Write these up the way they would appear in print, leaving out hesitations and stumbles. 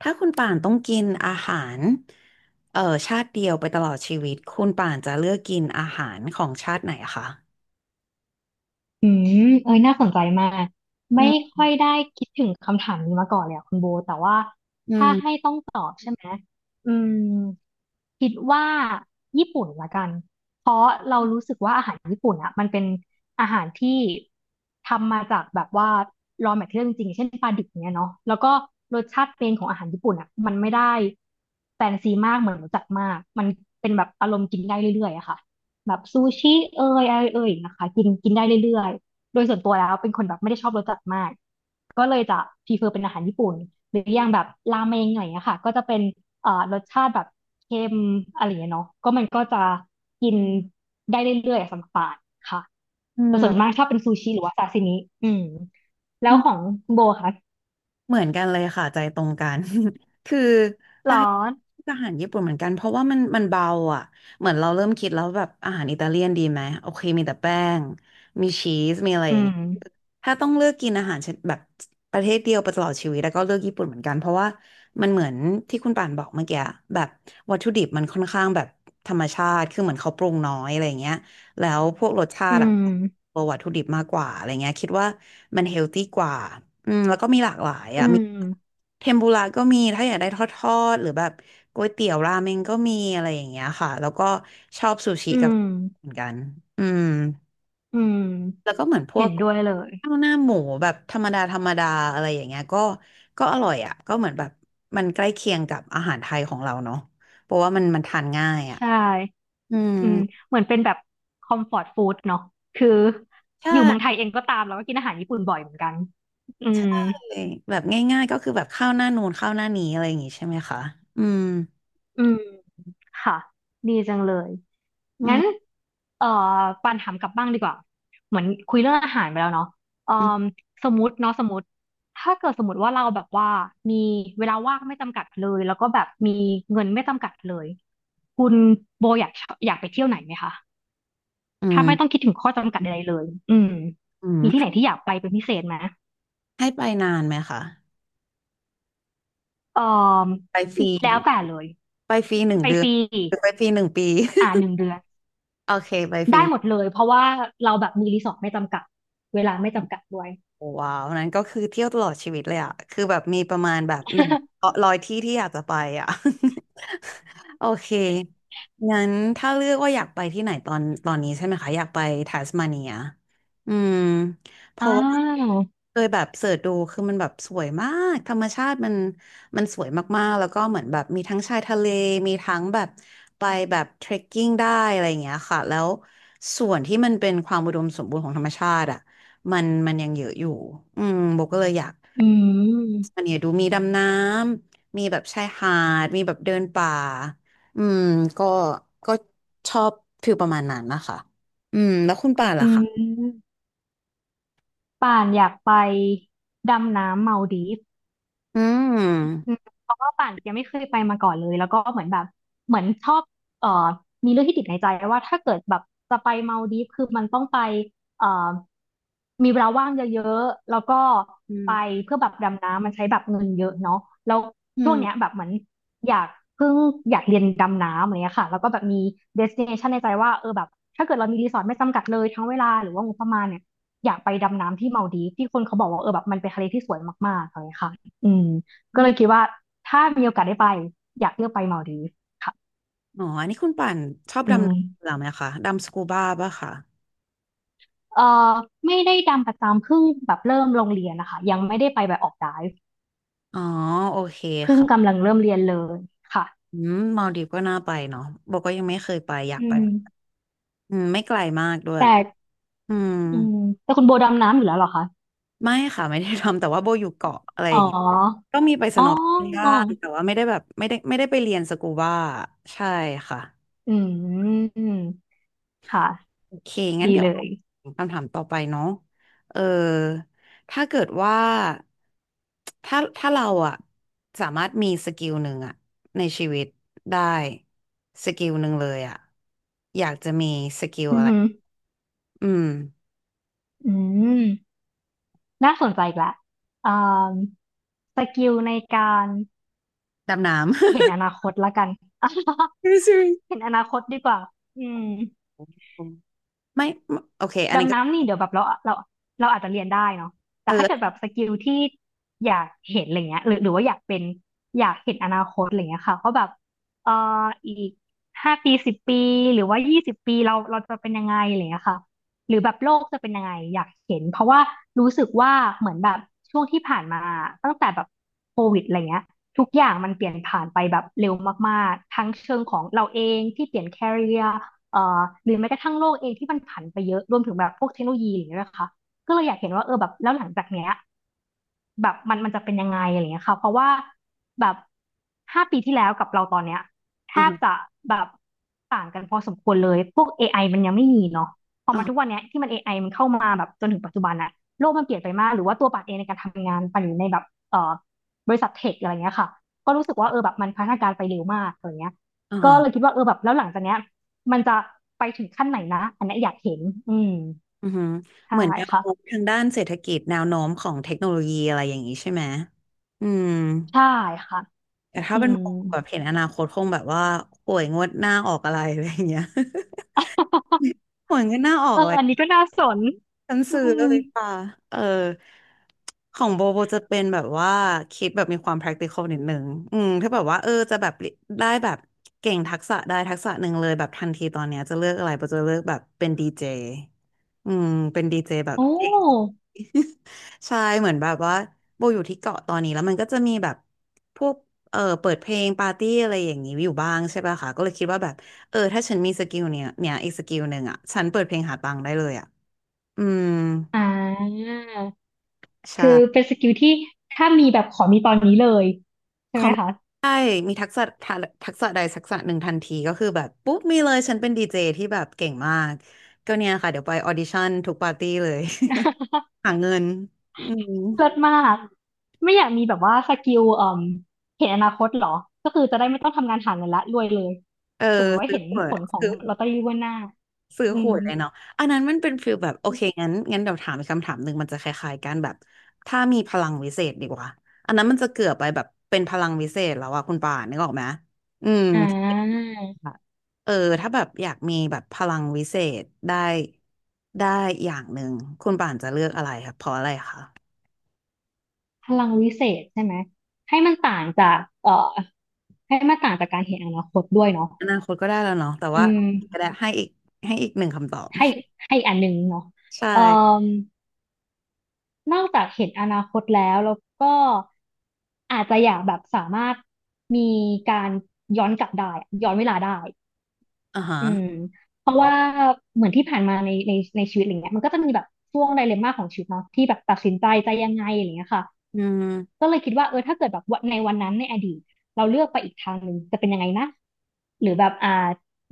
ถ้าคุณป่านต้องกินอาหารเอ่อชาติเดียวไปตลอดชีวิตคุณป่านจะเลือกกินอาหารของชาติไหนอะคะอืมเอ้ยน่าสนใจมาก อืไม่มค่อยได้คิดถึงคำถามนี้มาก่อนเลยอะคุณโบ แต่ว่าอืถ้าให้มต้องตอบใช่ไหมอืมคิดว่าญี่ปุ่นละกัน เพราะเรารู้สึกว่าอาหารญี่ปุ่นอะมันเป็นอาหารที่ทำมาจากแบบว่า raw material จริงๆเช่นปลาดิบเนี้ยเนาะแล้วก็รสชาติเป็นของอาหารญี่ปุ่นอะมันไม่ได้แฟนซีมากเหมือนรสจัดมากมันเป็นแบบอารมณ์กินได้เรื่อยๆอะค่ะ แบบซูชิเอ่ยอะไรเอ่ยนะคะกินกินได้เรื่อยๆโดยส่วนตัวแล้วเป็นคนแบบไม่ได้ชอบรสจัดมากก็เลยจะพรีเฟอร์เป็นอาหารญี่ปุ่นหรืออย่างแบบราเมงหน่อยอะค่ะก็จะเป็นรสชาติแบบเค็มอะไรอย่างเงี้ยเนาะก็มันก็จะกินได้เรื่อยๆอะสำหรับปานค่ะอืแต่ส่วนมากชอบเป็นซูชิหรือว่าซาซิมิอืมแล้วขอม งคุณโบค่ะเหมือนกันเลยค่ะใจตรงกัน คือถ้าร้อให้นอาหารญี่ปุ่นเหมือนกันเพราะว่ามันเบาอ่ะเหมือนเราเริ่มคิดแล้วแบบอาหารอิตาเลียนดีไหมโอเคมีแต่แป้งมีชีสมีอะไรออืย่างมงี้ถ้าต้องเลือกกินอาหารชนิดแบบประเทศเดียวไปตลอดชีวิตแล้วก็เลือกญี่ปุ่นเหมือนกันเพราะว่ามันเหมือนที่คุณป่านบอกเมื่อกี้แบบวัตถุดิบมันค่อนข้างแบบธรรมชาติคือเหมือนเขาปรุงน้อยอะไรอย่างเงี้ย แล้วพวกรสชาอืติอะมตัววัตถุดิบมากกว่าอะไรเงี้ยคิดว่ามันเฮลตี้กว่าอืมแล้วก็มีหลากหลายอือะมีมเทมปุระก็มีถ้าอยากได้ทอดๆหรือแบบก๋วยเตี๋ยวราเมงก็มีอะไรอย่างเงี้ยค่ะแล้วก็ชอบอืมเหมือนกันอืมอืแล้วมก็เหมือนพวเห็กนด้วยเลยข้าวหน้าหมูแบบธรรมดาธรรมดาอะไรอย่างเงี้ยก็อร่อยอ่ะก็เหมือนแบบมันใกล้เคียงกับอาหารไทยของเราเนาะเพราะว่ามันทานง่ายอ่ะใช่ อืมอืมเหมือนเป็นแบบคอมฟอร์ตฟู้ดเนาะคืออยู่เมืองใช่ ไทยเองก็ตามแล้วก็กินอาหารญี่ปุ่นบ่อยเหมือนกันอืมเลยแบบง่ายๆก็คือแบบเข้าหน้านูนเข้าหน้านี้อะไรอย่างงี้ใช่ไหมคะอืม อืมค่ะดีจังเลยอืงั้นมเอ่อปานถามกลับบ้างดีกว่าเหมือนคุยเรื่องอาหารไปแล้วเนาะเอ่ออืมสมมติเนาะสมมติถ้าเกิดสมมติว่าเราแบบว่ามีเวลาว่างไม่จำกัดเลยแล้วก็แบบมีเงินไม่จำกัดเลยคุณโบอยากไปเที่ยวไหนไหมคะอืถ้าไม่ต้องมคิดถึงข้อจำกัดใดๆเลยอืมอืมมีที่ให้ไหนที่อยากไปเป็นพิเศษไหม ให้ไปนานไหมคะเอ่อไปฟรีแล้วแต่เลยไปฟรีหนึ่งไปเดือฟนรีหรือไปฟรีหนึ่งปี อ่าหนึ่ง เดือนโอเคไปฟรีได้หมดเลยเพราะว่าเราแบบมีรีสอร์ทไม่จำกัดเวลาไม่จำกัดด้วย โอ้ว้าวนั้นก็คือเที่ยวตลอดชีวิตเลยอะคือแบบมีประมาณแบบหนึ่ง ร้อยที่ที่อยากจะไปอะ โอเคงั้นถ้าเลือกว่าอยากไปที่ไหนตอนนี้ใช่ไหมคะอยากไปทัสมาเนียอืมเพอ้าราะว่าวเคยแบบเสิร์ชดูคือมันแบบสวยมากธรรมชาติมันสวยมากๆแล้วก็เหมือนแบบมีทั้งชายทะเลมีทั้งแบบไปแบบเทรคกิ้งได้อะไรอย่างเงี้ยค่ะแล้วส่วนที่มันเป็นความอุดมสมบูรณ์ของธรรมชาติอ่ะมันยังเยอะอยู่อืมโบก็เลยอยากอืมอันเนี้ยดูมีดำน้ำมีแบบชายหาดมีแบบเดินป่า อืมก็ก็ชอบฟิลประมาณนั้นนะคะอืมแล้วคุณป่านอืล่ะคะมป่านอยากไปดำน้ำเมาดีฟ อือมืมเพราะว่าป่านยังไม่เคยไปมาก่อนเลยแล้วก็เหมือนแบบเหมือนชอบเอ่อมีเรื่องที่ติดในใจว่าถ้าเกิดแบบจะไปมาลดีฟคือมันต้องไปเอ่อมีเวลาว่างเยอะๆแล้วก็อืมไปเพื่อแบบดำน้ำมันใช้แบบเงินเยอะเนาะแล้วอืช่วงมเนี้ยแบบเหมือนอยากเพิ่งอยากเรียนดำน้ำอะไรเงี้ยค่ะแล้วก็แบบมีเดสติเนชันในใจว่าเออแบบถ้าเกิดเรามีรีสอร์ทไม่จำกัดเลยทั้งเวลาหรือว่างบประมาณเนี่ยอยากไปดำน้ำที่มาลดีฟที่คนเขาบอกว่าเออแบบมันเป็นทะเลที่สวยมากๆอะไรเงี้ยค่ะอืม อก็เลยมคิดว่าถ้ามีโอกาสได้ไปอยากเลือกไปมาลดีฟส์ค่ะอ๋ออันนี้คุณป่านชอบอืดำน้ำเหมรอไหมคะดำสกูบ้าป่ะคะเอ่อไม่ได้ดำประจำเพิ่งแบบเริ่มโรงเรียนนะคะยังไม่ได้ไปแบบออกไดฟ์อ๋อโอเคเพิ่งค่ะกำลังเริ่มเรียนเลยค่ะอืมมาลดีฟก็น่าไปเนาะบอกก็ยังไม่เคยไปอยากอืไปมอืมไม่ไกลมากด้วยแต่อืมอืมแต่คุณโบดำน้ำอยู่แล้วเหรอคะไม่ค่ะไม่ได้ทำแต่ว่าโบอยู่เกาะอะไรอ๋อย่างเงี้ยออ๋อย่างแต่ว่าไม่ได้แบบไม่ได้ไปเรียนสกูบ้าใช่ค่ะ อืมค่ะโอเคงั้นดีเดี๋ยเลวยคำถามต่อไปเนาะเออถ้าเกิดว่าถ้าเราอะสามารถมีสกิลหนึ่งอะในชีวิตได้สกิลหนึ่งเลยอะอยากจะมีสกิลอืออะไรหืออืมอืมน่าสนใจอีกละอ่าสกิลในการ ดำน้ำ เห็นอนาคตละกัน ไม่ใช่เห็นอนาคตดีกว่าอืม ำไม่ไม่โอเคอันนี้ดำก็น้ำนี่เดี๋ยวแบบเราอาจจะเรียนได้เนาะแต่เออถ้าเกิดแบบสกิลที่อยากเห็นอะไรเงี้ยหรือว่าอยากเป็นอยากเห็นอนาคตอะไรเงี้ยค่ะว่าแบบเอ่ออีก5 ปี 10 ปี หรือว่า 20 ปีเราจะเป็นยังไงอะไรเงี้ยค่ะหรือแบบโลกจะเป็นยังไงอยากเห็นเพราะว่ารู้สึกว่าเหมือนแบบช่วงที่ผ่านมาตั้งแต่แบบโควิดอะไรเงี้ยทุกอย่างมันเปลี่ยนผ่านไปแบบเร็วมากๆทั้งเชิงของเราเองที่เปลี่ยน career เอ่อหรือแม้กระทั่งโลกเองที่มันผันไปเยอะรวมถึงแบบพวกเทคโนโลยีอย่างเงี้ยนะคะก็เลยอยากเห็นว่าเออแบบแล้วหลังจากเนี้ย แบบมันจะเป็นยังไงอะไรเงี้ยค่ะเพราะว่าแบบห้าปีที่แล้วกับเราตอนเนี้ยแทอ่าบฮะจะแบบต่างกันพอสมควรเลยพวก AI มันยังไม่มีเนาะพออ่ามาฮะทุกวันเนี้ยที่มัน AI มันเข้ามาแบบจนถึงปัจจุบันอะโลกมันเปลี่ยนไปมากหรือว่าตัวปัดเองในการทำงานปัดอยู่ในแบบเอ่อบริษัทเทคอะไรเงี้ยค่ะก็รู้สึกว่าเออแบบมันพัฒนาการไปเร็วมากอะไรเงี้ยอ่าก็เลยฮะคิดว่าเออแบบแล้วหลังจากเนี้ยมันจะไปถึงขั้นไหนนะอันเนี้ยอยากเห็นอืมอือือใช่เหมือนแนวค่ะโน้มทางด้านเศรษฐกิจแนวโน้มของเทคโนโลยีอะไรอย่างนี้ใช่ไหมอืม ใช่ค่ะแต่ถ้าอืเป็นม โมแบบเห็นอนาคตคงแบบว่าหวยงวดหน้าออกอะไรอะไรอย่างเงี้ย หวยงวดหน้าออกเอออะไรอันนี้ก็น่าสนฉันอืซื้อเลมยป่ะเออของโบจะเป็นแบบว่าคิดแบบมีความ practical นิดนึงอืมถ้าแบบว่าเออจะแบบได้แบบเก่งทักษะได้ทักษะหนึ่งเลยแบบทันทีตอนเนี้ยจะเลือกอะไรโบจะเลือกแบบเป็นดีเจอืมเป็นดีเจแบบโอเก่ง ้ใช่เหมือนแบบว่าโบอยู่ที่เกาะตอนนี้แล้วมันก็จะมีแบบพวกเออเปิดเพลงปาร์ตี้อะไรอย่างนี้อยู่บ้างใช่ป่ะคะก็เลยคิดว่าแบบเออถ้าฉันมีสกิลเนี้ยเนี่ยอีกสกิลหนึ่งอ่ะฉันเปิดเพลงหาตังค์ได้เลยอ่ะอืมอ่าใช่คือเป็นสกิลที่ถ้ามีแบบขอมีตอนนี้เลยคใช่อไหมมคะ ใช่มีทักษะทัทักษะใดทักษะหนึ่งทันทีก็คือแบบปุ๊บมีเลยฉันเป็นดีเจที่แบบเก่งมากก็เนี่ยค่ะเดี๋ยวไปออดิชั่นทุกปาร์ตี้เลย หาเงินอืมเลิศมาก ไม่อยากมีแบบว่าสกิลเอ่มเห็นอนาคตเหรอ ก็คือจะได้ไม่ต้องทำงานหาเงินละรวยเลยเออสมมติว่าซื้อเห็นตั๋วผลของซื้อ ลอตเตอรี่ว่วดหน้าซื้ออืขมวดเลยเนาะอันนั้นมันเป็นฟีลแบบโอเคงั้นเดี๋ยวถามอีกคำถามหนึ่งมันจะคล้ายๆกันแบบถ้ามีพลังวิเศษดีกว่าอันนั้นมันจะเกือบไปแบบเป็นพลังวิเศษแล้วอะคุณป่านนึกออกไหมอืมอ่ที่าแบบเออถ้าแบบอยากมีแบบพลังวิเศษได้ได้อย่างหนึ่งคุณป่านจะเลือกอะไรครับเพราะอะไรคะพลังวิเศษใช่ไหมให้มันต่างจากให้มันต่างจากการเห็นอนาคตด้วยเนาะอนาคตก็ได้แล้วเนาะแต่อืว่าม ก็ได้ให้อีกให้อีกหนึ่งคำตอบให้ให้อันหนึงเนาะใช่เอ่มนอกจากเห็นอนาคตแล้วแล้วก็อาจจะอยากแบบสามารถมีการย้อนกลับได้อะย้อนเวลาได้อ่าฮะอืมเพราะว่าเหมือนที่ผ่านมาในในชีวิตอะไรเงี้ยมันก็จะมีแบบช่วงไดเลมม่าของชีวิตเนาะที่แบบตัดสินใจจะยังไงอะไรเงี้ยค่ะอืมก็เลยคิดว่าเออถ้าเกิดแบบวันนั้นในอดีตเราเลือกไปอีกทางหนึ่งจะเป็นยังไงนะหรือแบบ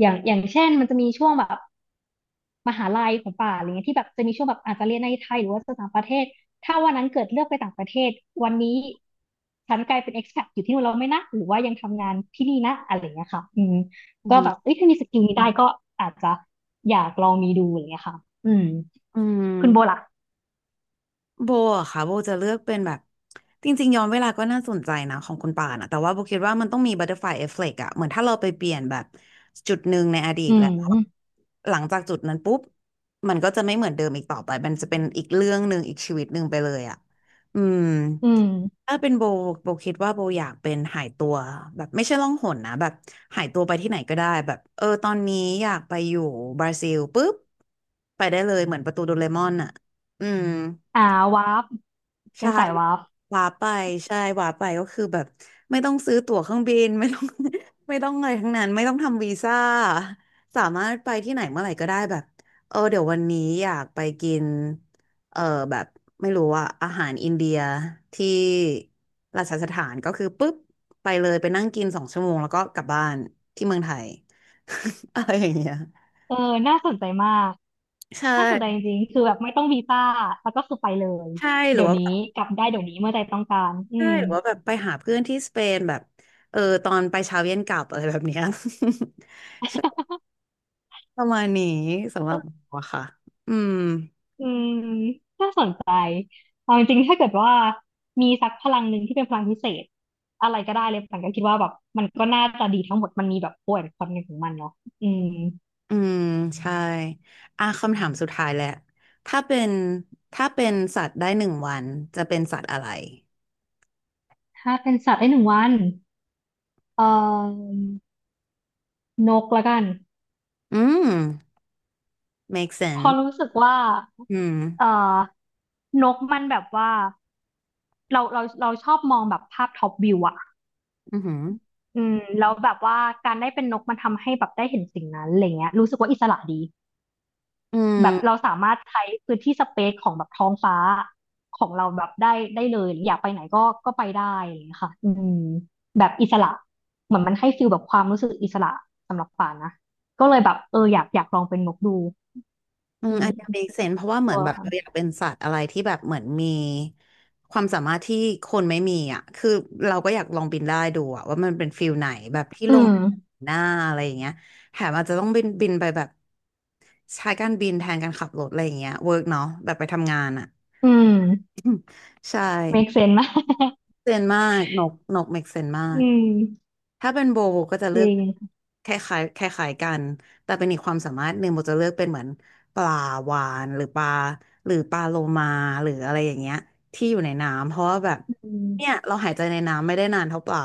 อย่างเช่นมันจะมีช่วงแบบ มหาลัยของป่าอะไรเงี้ยที่แบบจะมีช่วงแบบอาจจะเรียนในไทยหรือว่าจะต่างประเทศถ้าวันนั้นเกิดเลือกไปต่างประเทศวันนี้ฉันกลายเป็น expat อยู่ที่นู่นแล้วไหม่นะหรือว่ายังทำงานที่นี่นะอะไรเงี้ยค่ะอืมอืก็แบบมเอ้ยถ้ามีสกิลนี้ได้ก็อาจจะอยากลองมีดูอะไรเงี้ยค่ะอืมอืม คุณโบล่ะโบอะค่ะโบจะเลือกเป็นแบบจริงๆย้อนเวลาก็น่าสนใจนะของคุณป่านอะแต่ว่าโบคิดว่ามันต้องมีบัตเตอร์ฟลายเอฟเฟกต์อะเหมือนถ้าเราไปเปลี่ยนแบบจุดหนึ่งในอดีตอืและมหลังจากจุดนั้นปุ๊บมันก็จะไม่เหมือนเดิมอีกต่อไปมันจะเป็นอีกเรื่องหนึ่งอีกชีวิตหนึ่งไปเลยอะอืมอืมถ้าเป็นโบโบคิดว่าโบอยากเป็นหายตัวแบบไม่ใช่ล่องหนนะแบบหายตัวไปที่ไหนก็ได้แบบเออตอนนี้อยากไปอยู่บราซิลปุ๊บไปได้เลยเหมือนประตูโดเรมอนอะอืม อ่าวาร์ปเป็ใช่นสายวาร์ปหวาไปหวาไปก็คือแบบไม่ต้องซื้อตั๋วเครื่องบิน ไม่ต้อง ไม่ต้องอะไรทั้งนั้นไม่ต้องทำวีซ่าสามารถไปที่ไหนเมื่อไหร่ก็ได้แบบเออเดี๋ยววันนี้อยากไปกินเออแบบไม่รู้ว่าอาหารอินเดียที่ราชสถานก็คือปุ๊บไปเลยไปนั่งกิน2 ชั่วโมงแล้วก็กลับบ้านที่เมืองไทย อะไรอย่างเงี้ยเออน่าสนใจมากใช่น่าสนใจจริงๆคือแบบไม่ต้องวีซ่าแล้วก็คือไปเลยใช่หรืเดี๋อยวว่านี้แบบ กลับได้เดี๋ยวนี้เมื่อใจต้องการอืใช่ม หรือว่าแบบไปหาเพื่อนที่สเปนแบบเออตอนไปเช้าเย็นกลับอะไรแบบเนี้ย ใช่ ประมาณนี้สำหรับว่าค่ะอืมอืมน่าสนใจเอาจริงๆถ้าเกิดว่ามีสักพลังหนึ่งที่เป็นพลังพิเศษอะไรก็ได้เลยปันก็คิดว่าแบบมันก็น่าจะดีทั้งหมดมันมีแบบป่วยคนในของมันเนาะอืมอืมใช่อ่ะคำถามสุดท้ายแหละถ้าเป็นถ้าเป็นสัตว์ได้หนึ่งวันจะเป็นสัตว์อะไรถ้าเป็นสัตว์ได้หนึ่งวันเอ่อนกละกันอืม make พอ sense รู้สึกว่าอืมเอ่อนกมันแบบว่าเราชอบมองแบบภาพท็อปวิวอะอือหืออืมแล้วแบบว่าการได้เป็นนกมันทำให้แบบได้เห็นสิ่งนั้นอะไรเงี้ยรู้สึกว่าอิสระดี อืแบม บเราสามารถใช้พื้นที่สเปซของแบบท้องฟ้าของเราแบบได้ได้เลยอยากไปไหนก็ไปได้อะไรอย่างเงี้ยค่ะอืมแบบอิสระเหมือนมันให้ฟีลแบบความรู้สึกอิสระสำหรับป่านนะก็เลยแบบเอออยากลองเป็นนกดูอือืมอันเนี้ย ม make sense เพราะว่าเหมือตันวแบบค่ะเราอยากเป็นสัตว์อะไรที่แบบเหมือนมีความสามารถที่คนไม่มีอ่ะคือเราก็อยากลองบินได้ดูอ่ะว่ามันเป็นฟิลไหนแบบที่อืลงมหน้าอะไรอย่างเงี้ยแถมอาจจะต้องบินไปแบบใช้การบินแทนการขับรถอะไรอย่างเงี้ยเวิร์กเนาะแบบไปทำงานอ่ะอืม ใช่ make sense นะ เซนมากนกเมกเซนมา อืก มถ้าเป็นโบโบก็จะจเลือริกงคล้ายๆคล้ายๆกัน แต่เป็นอีกความสามารถหนึ่งโบจะเลือกเป็นเหมือนปลาวาฬหรือปลาหรือปลาโลมาหรืออะไรอย่างเงี้ยที่อยู่ในน้ำเพราะว่าแบบอืมเนี่ยเราหายใจในน้ำไม่ได้นานเท่าปลา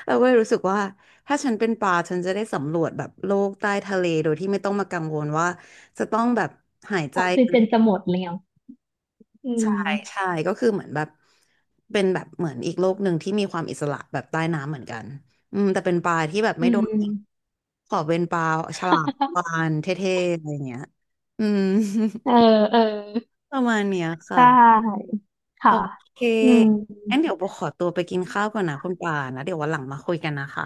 เราก็เลยรู้สึกว่าถ้าฉันเป็นปลาฉันจะได้สำรวจแบบโลกใต้ทะเลโดยที่ไม่ต้องมากังวลว่าจะต้องแบบหายใจ ออกซิเจนจะหมดแล้วอืมใช่ก็คือเหมือนแบบเป็นแบบเหมือนอีกโลกหนึ่งที่มีความอิสระแบบใต้น้ำเหมือนกันอืมแต่เป็นปลาที่แบบอืไม่โดม นยิงขอเป็นปลาฉลามวา ฬเท่ๆอะไรเงี้ยอืม เออเออประมาณเนี้ยค่ะ ใช่โอค่ะเคอืม งั้นเดี๋ยวโบขอตัวไปกินข้าวก่อนนะคุณปานะ เดี๋ยววันหลังมาคุยกันนะคะ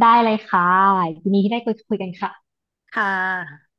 ได้เลยค่ะยินดีที่ได้คุยกันค่ะค่ะ